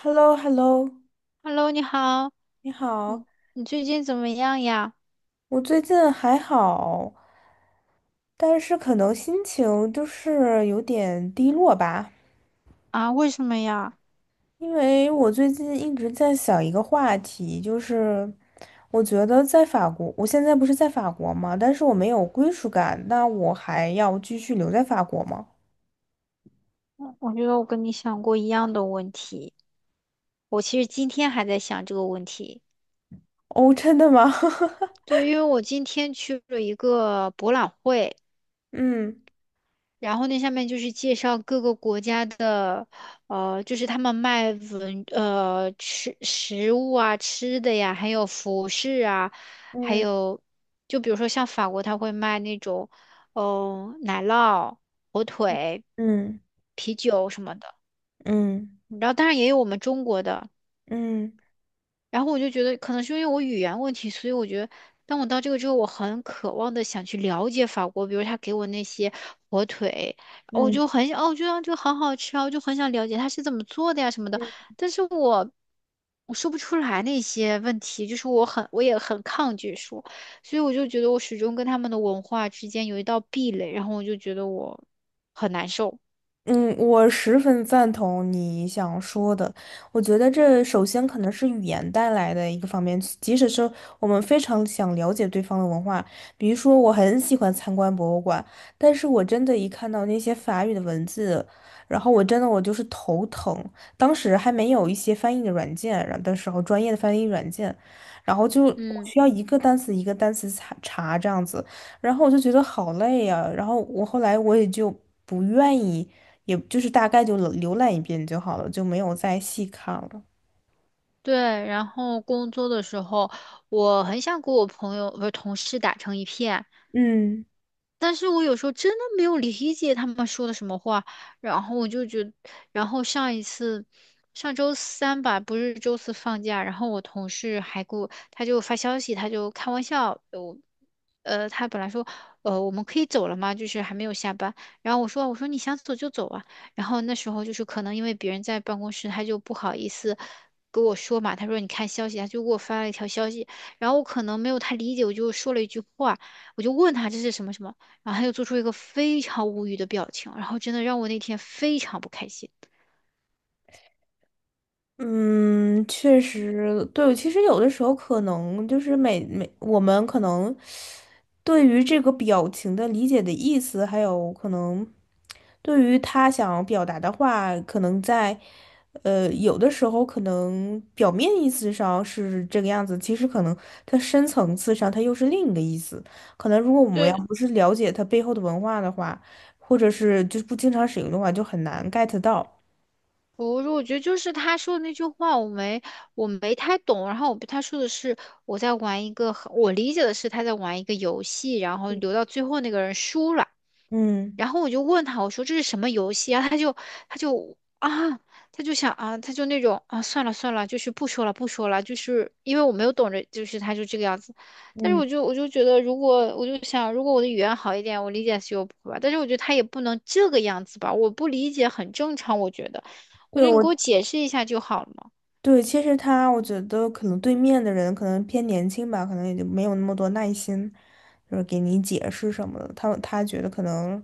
h e l l o h e l l o Hello，你好，你好。你你最近怎么样呀？我最近还好，但是可能心情就是有点低落吧。啊，为什么呀？因为我最近一直在想一个话题，就是我觉得在法国，我现在不是在法国嘛，但是我没有归属感，那我还要继续留在法国吗？我觉得我跟你想过一样的问题，我其实今天还在想这个问题。哦，真的吗？对，因为我今天去了一个博览会，嗯然后那下面就是介绍各个国家的，就是他们卖吃食物啊、吃的呀，还有服饰啊，还嗯有就比如说像法国，他会卖那种，奶酪、火腿、嗯啤酒什么的。嗯然后当然也有我们中国的，嗯然后我就觉得，可能是因为我语言问题，所以我觉得，当我到这个之后，我很渴望的想去了解法国，比如他给我那些火腿，我嗯就很想，哦，我觉得这个好好吃啊，我就很想了解它是怎么做的呀什么的，嗯。但是我说不出来那些问题，就是我也很抗拒说，所以我就觉得我始终跟他们的文化之间有一道壁垒，然后我就觉得我很难受，嗯，我十分赞同你想说的。我觉得这首先可能是语言带来的一个方面，即使是我们非常想了解对方的文化。比如说我很喜欢参观博物馆，但是我真的一看到那些法语的文字，然后我真的我就是头疼。当时还没有一些翻译的软件，然后的时候专业的翻译软件，然后就我嗯。需要一个单词一个单词查查这样子。然后我就觉得好累呀、然后我后来也就不愿意。也就是大概就浏览一遍就好了，就没有再细看了。对，然后工作的时候，我很想跟我朋友不是同事打成一片，嗯。但是我有时候真的没有理解他们说的什么话，然后我就觉得然后上一次，上周三吧，不是周四放假，然后我同事还给我，他就发消息，他就开玩笑，他本来说，我们可以走了吗？就是还没有下班，然后我说你想走就走啊，然后那时候就是可能因为别人在办公室，他就不好意思。跟我说嘛，他说你看消息，他就给我发了一条消息，然后我可能没有太理解，我就说了一句话，我就问他这是什么什么，然后他就做出一个非常无语的表情，然后真的让我那天非常不开心。嗯，确实，对。其实有的时候可能就是每每我们可能对于这个表情的理解的意思，还有可能对于他想表达的话，可能在有的时候可能表面意思上是这个样子，其实可能它深层次上它又是另一个意思。可能如果我们要对，不是了解它背后的文化的话，或者是就是不经常使用的话，就很难 get 到。我觉得就是他说的那句话，我没太懂。然后他说的是我理解的是他在玩一个游戏，然后留到最后那个人输了。嗯然后我就问他，我说这是什么游戏啊？他就他就想啊，他就那种啊，算了算了，就是不说了不说了，就是因为我没有懂着，就是他就这个样子。但是嗯。我就觉得，如果我的语言好一点，我理解是有谱吧。但是我觉得他也不能这个样子吧，我不理解很正常，我觉得，我对，觉得你给我解释一下就好了嘛。其实他，我觉得可能对面的人可能偏年轻吧，可能也就没有那么多耐心，就是给你解释什么的。他觉得可能，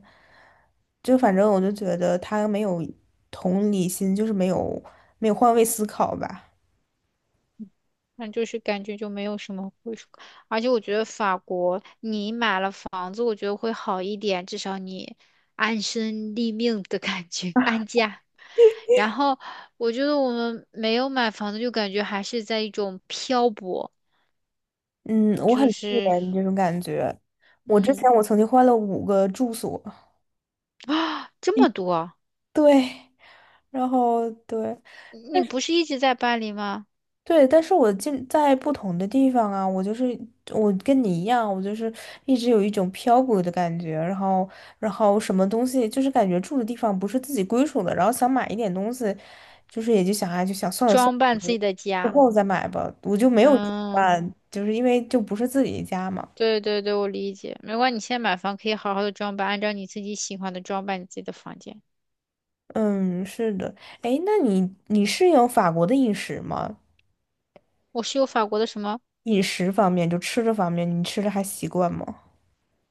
就反正我就觉得他没有同理心，就是没有换位思考吧。那就是感觉就没有什么归属感，而且我觉得法国你买了房子，我觉得会好一点，至少你安身立命的感觉，安家。然后我觉得我们没有买房子，就感觉还是在一种漂泊，嗯，我很就自是怜这种感觉。我之嗯前我曾经换了五个住所。啊 这么多，对，然后对。你不是一直在巴黎吗？对，但是我进在不同的地方啊。我就是我跟你一样，我就是一直有一种漂泊的感觉。然后什么东西就是感觉住的地方不是自己归属的，然后想买一点东西，就是也就想哎就想算了算装扮自了，己的之家，后再买吧。我就没有嗯。办，就是因为就不是自己的家嘛。对对对，我理解。没关系，你现在买房可以好好的装扮，按照你自己喜欢的装扮你自己的房间。嗯，是的。哎，那你适应法国的饮食吗？我是有法国的什么？饮食方面，就吃的方面，你吃的还习惯吗？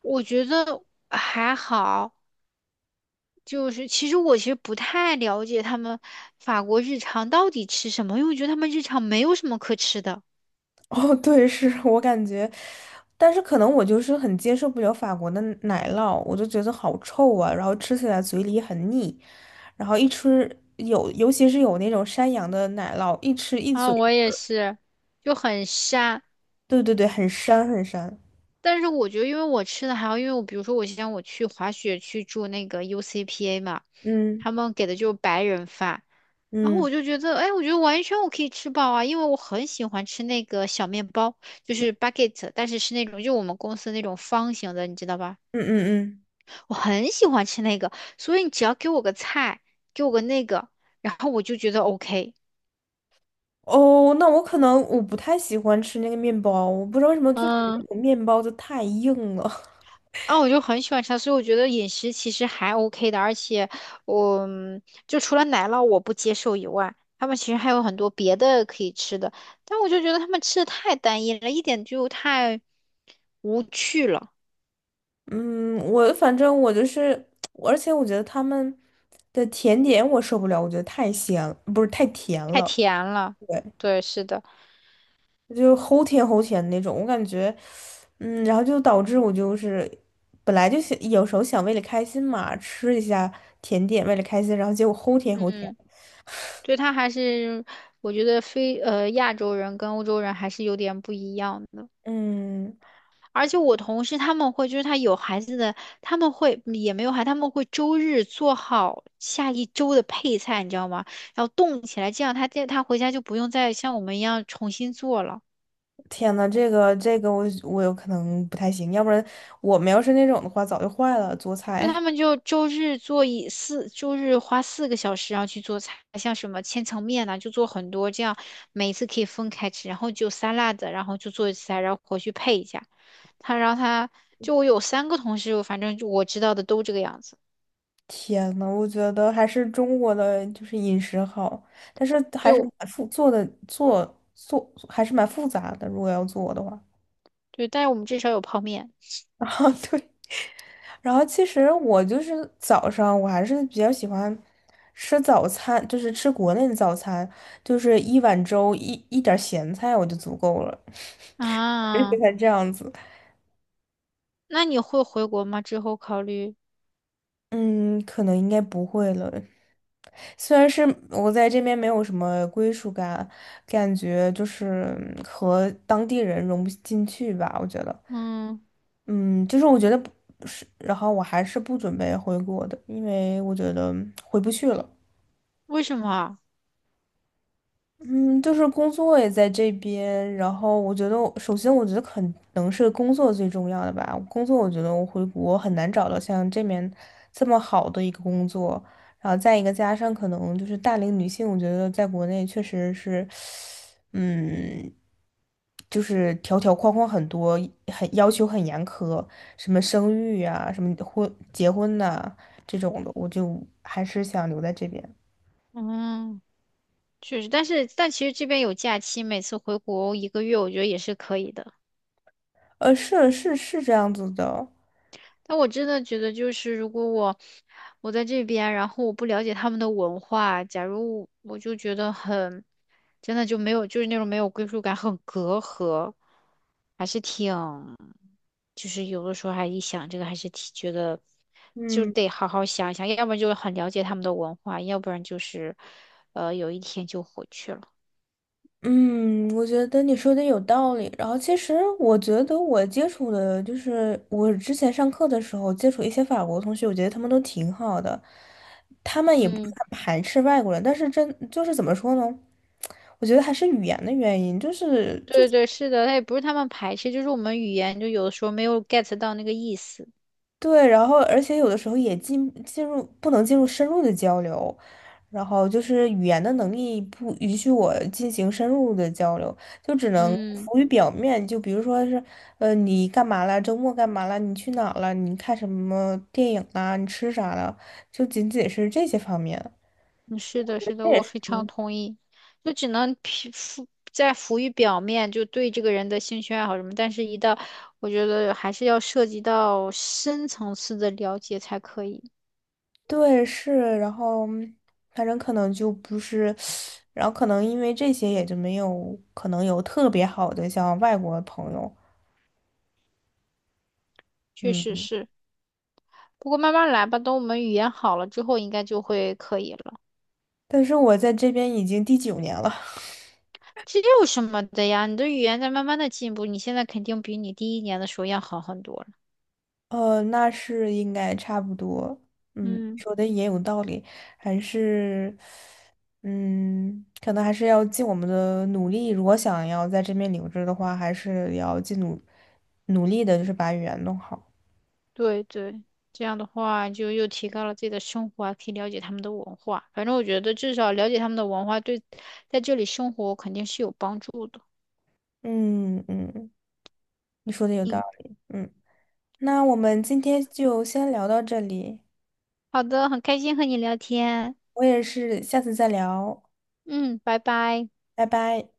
我觉得还好，就是我其实不太了解他们法国日常到底吃什么，因为我觉得他们日常没有什么可吃的哦，对，是 我感觉，但是可能我就是很接受不了法国的奶酪，我就觉得好臭啊，然后吃起来嘴里很腻。然后一吃有，尤其是有那种山羊的奶酪，一吃一嘴。啊，我也是。就很沙。对对对，很膻很膻。但是我觉得，因为我吃的还好，因为我比如说我像我去滑雪去住那个 UCPA 嘛，嗯他们给的就是白人饭，然后嗯我就觉得，哎，我觉得完全我可以吃饱啊，因为我很喜欢吃那个小面包，就是 bucket，但是是那种就我们公司那种方形的，你知道吧？嗯嗯嗯。我很喜欢吃那个，所以你只要给我个菜，给我个那个，然后我就觉得 OK。哦，那我可能我不太喜欢吃那个面包，我不知道为什么就感觉那嗯个面包就太硬了。我就很喜欢吃它所以我觉得饮食其实还 OK 的，而且我就除了奶酪我不接受以外，他们其实还有很多别的可以吃的，但我就觉得他们吃的太单一了，一点就太无趣了。嗯，我反正我就是，而且我觉得他们的甜点我受不了。我觉得太咸，不是太甜太了。甜了，对，对，是的，就齁甜齁甜的那种，我感觉。嗯，然后就导致我就是本来就想有时候想为了开心嘛，吃一下甜点为了开心，然后结果齁甜嗯，齁甜。嗯，对，他还是我觉得非呃亚洲人跟欧洲人还是有点不一样的，嗯。而且我同事他们会，就是他有孩子的，他们会也没有孩，他们会周日做好下一周的配菜，你知道吗？然后冻起来，这样他回家就不用再像我们一样重新做了。天呐，这个我有可能不太行，要不然我们要是那种的话早就坏了，做那菜。他们就周日花4个小时，然后去做菜，像什么千层面呐、就做很多，这样每一次可以分开吃，然后就沙拉的，然后就做一次菜，然后回去配一下。他，然后他就我有三个同事，反正就我知道的都这个样子。天呐，我觉得还是中国的就是饮食好，但是对，还是我蛮复做的做做还是蛮复杂的，如果要做的话。对，但是我们至少有泡面啊对，然后其实我就是早上我还是比较喜欢吃早餐，就是吃国内的早餐，就是一碗粥一点儿咸菜我就足够了。而且啊。还这样子。那你会回国吗？之后考虑？嗯，可能应该不会了，虽然是我在这边没有什么归属感，感觉就是嗯和当地人融不进去吧，我觉得。嗯，嗯，就是我觉得不是，然后我还是不准备回国的，因为我觉得回不去了。为什么啊嗯，就是工作也在这边，然后我觉得我首先觉得可能是工作最重要的吧。工作我觉得我回国很难找到像这面这么好的一个工作。然后再一个加上可能就是大龄女性，我觉得在国内确实是。嗯，就是条条框框很多，很要求很严苛。什么生育啊，什么婚结婚呐、这种的，我就还是想留在这边。嗯，确实，但其实这边有假期，每次回国一个月，我觉得也是可以的。呃，是是是这样子的。但我真的觉得，就是如果我在这边，然后我不了解他们的文化，假如我就觉得很，真的就没有，就是那种没有归属感，很隔阂，还是挺，就是有的时候还一想这个，还是挺觉得，就嗯。得好好想一想，要不然就是很了解他们的文化，要不然就是，有一天就回去了。嗯，我觉得你说的有道理。然后，其实我觉得我接触的，就是我之前上课的时候接触一些法国同学，我觉得他们都挺好的。他们也不是嗯，很排斥外国人，但是真就是怎么说呢？我觉得还是语言的原因，就是就。对对，是的，他也不是他们排斥，就是我们语言就有的时候没有 get 到那个意思。对，然后而且有的时候也进入不能进入深入的交流，然后就是语言的能力不允许我进行深入的交流，就只能嗯。浮于表面。就比如说是，你干嘛了？周末干嘛了？你去哪儿了？你看什么电影啦？你吃啥了？就仅仅是这些方面。嗯，是的，是的，我非常同意。就只能皮浮在浮于表面，就对这个人的兴趣爱好什么，但是一到我觉得还是要涉及到深层次的了解才可以。对，是。然后反正可能就不是，然后可能因为这些也就没有可能有特别好的像外国朋友。确实嗯。是，不过慢慢来吧，等我们语言好了之后，应该就会可以了。但是我在这边已经第九年了。这有什么的呀？你的语言在慢慢的进步，你现在肯定比你第一年的时候要好很多了。呃，那是应该差不多。嗯，嗯。说的也有道理。还是，嗯，可能还是要尽我们的努力。如果想要在这边留着的话，还是要尽努努力的，就是把语言弄好。对对，这样的话就又提高了自己的生活啊，还可以了解他们的文化。反正我觉得至少了解他们的文化，对在这里生活肯定是有帮助的。嗯嗯，你说的有道嗯，理。嗯，那我们今天就先聊到这里。好的，很开心和你聊天。我也是，下次再聊。嗯，拜拜。拜拜。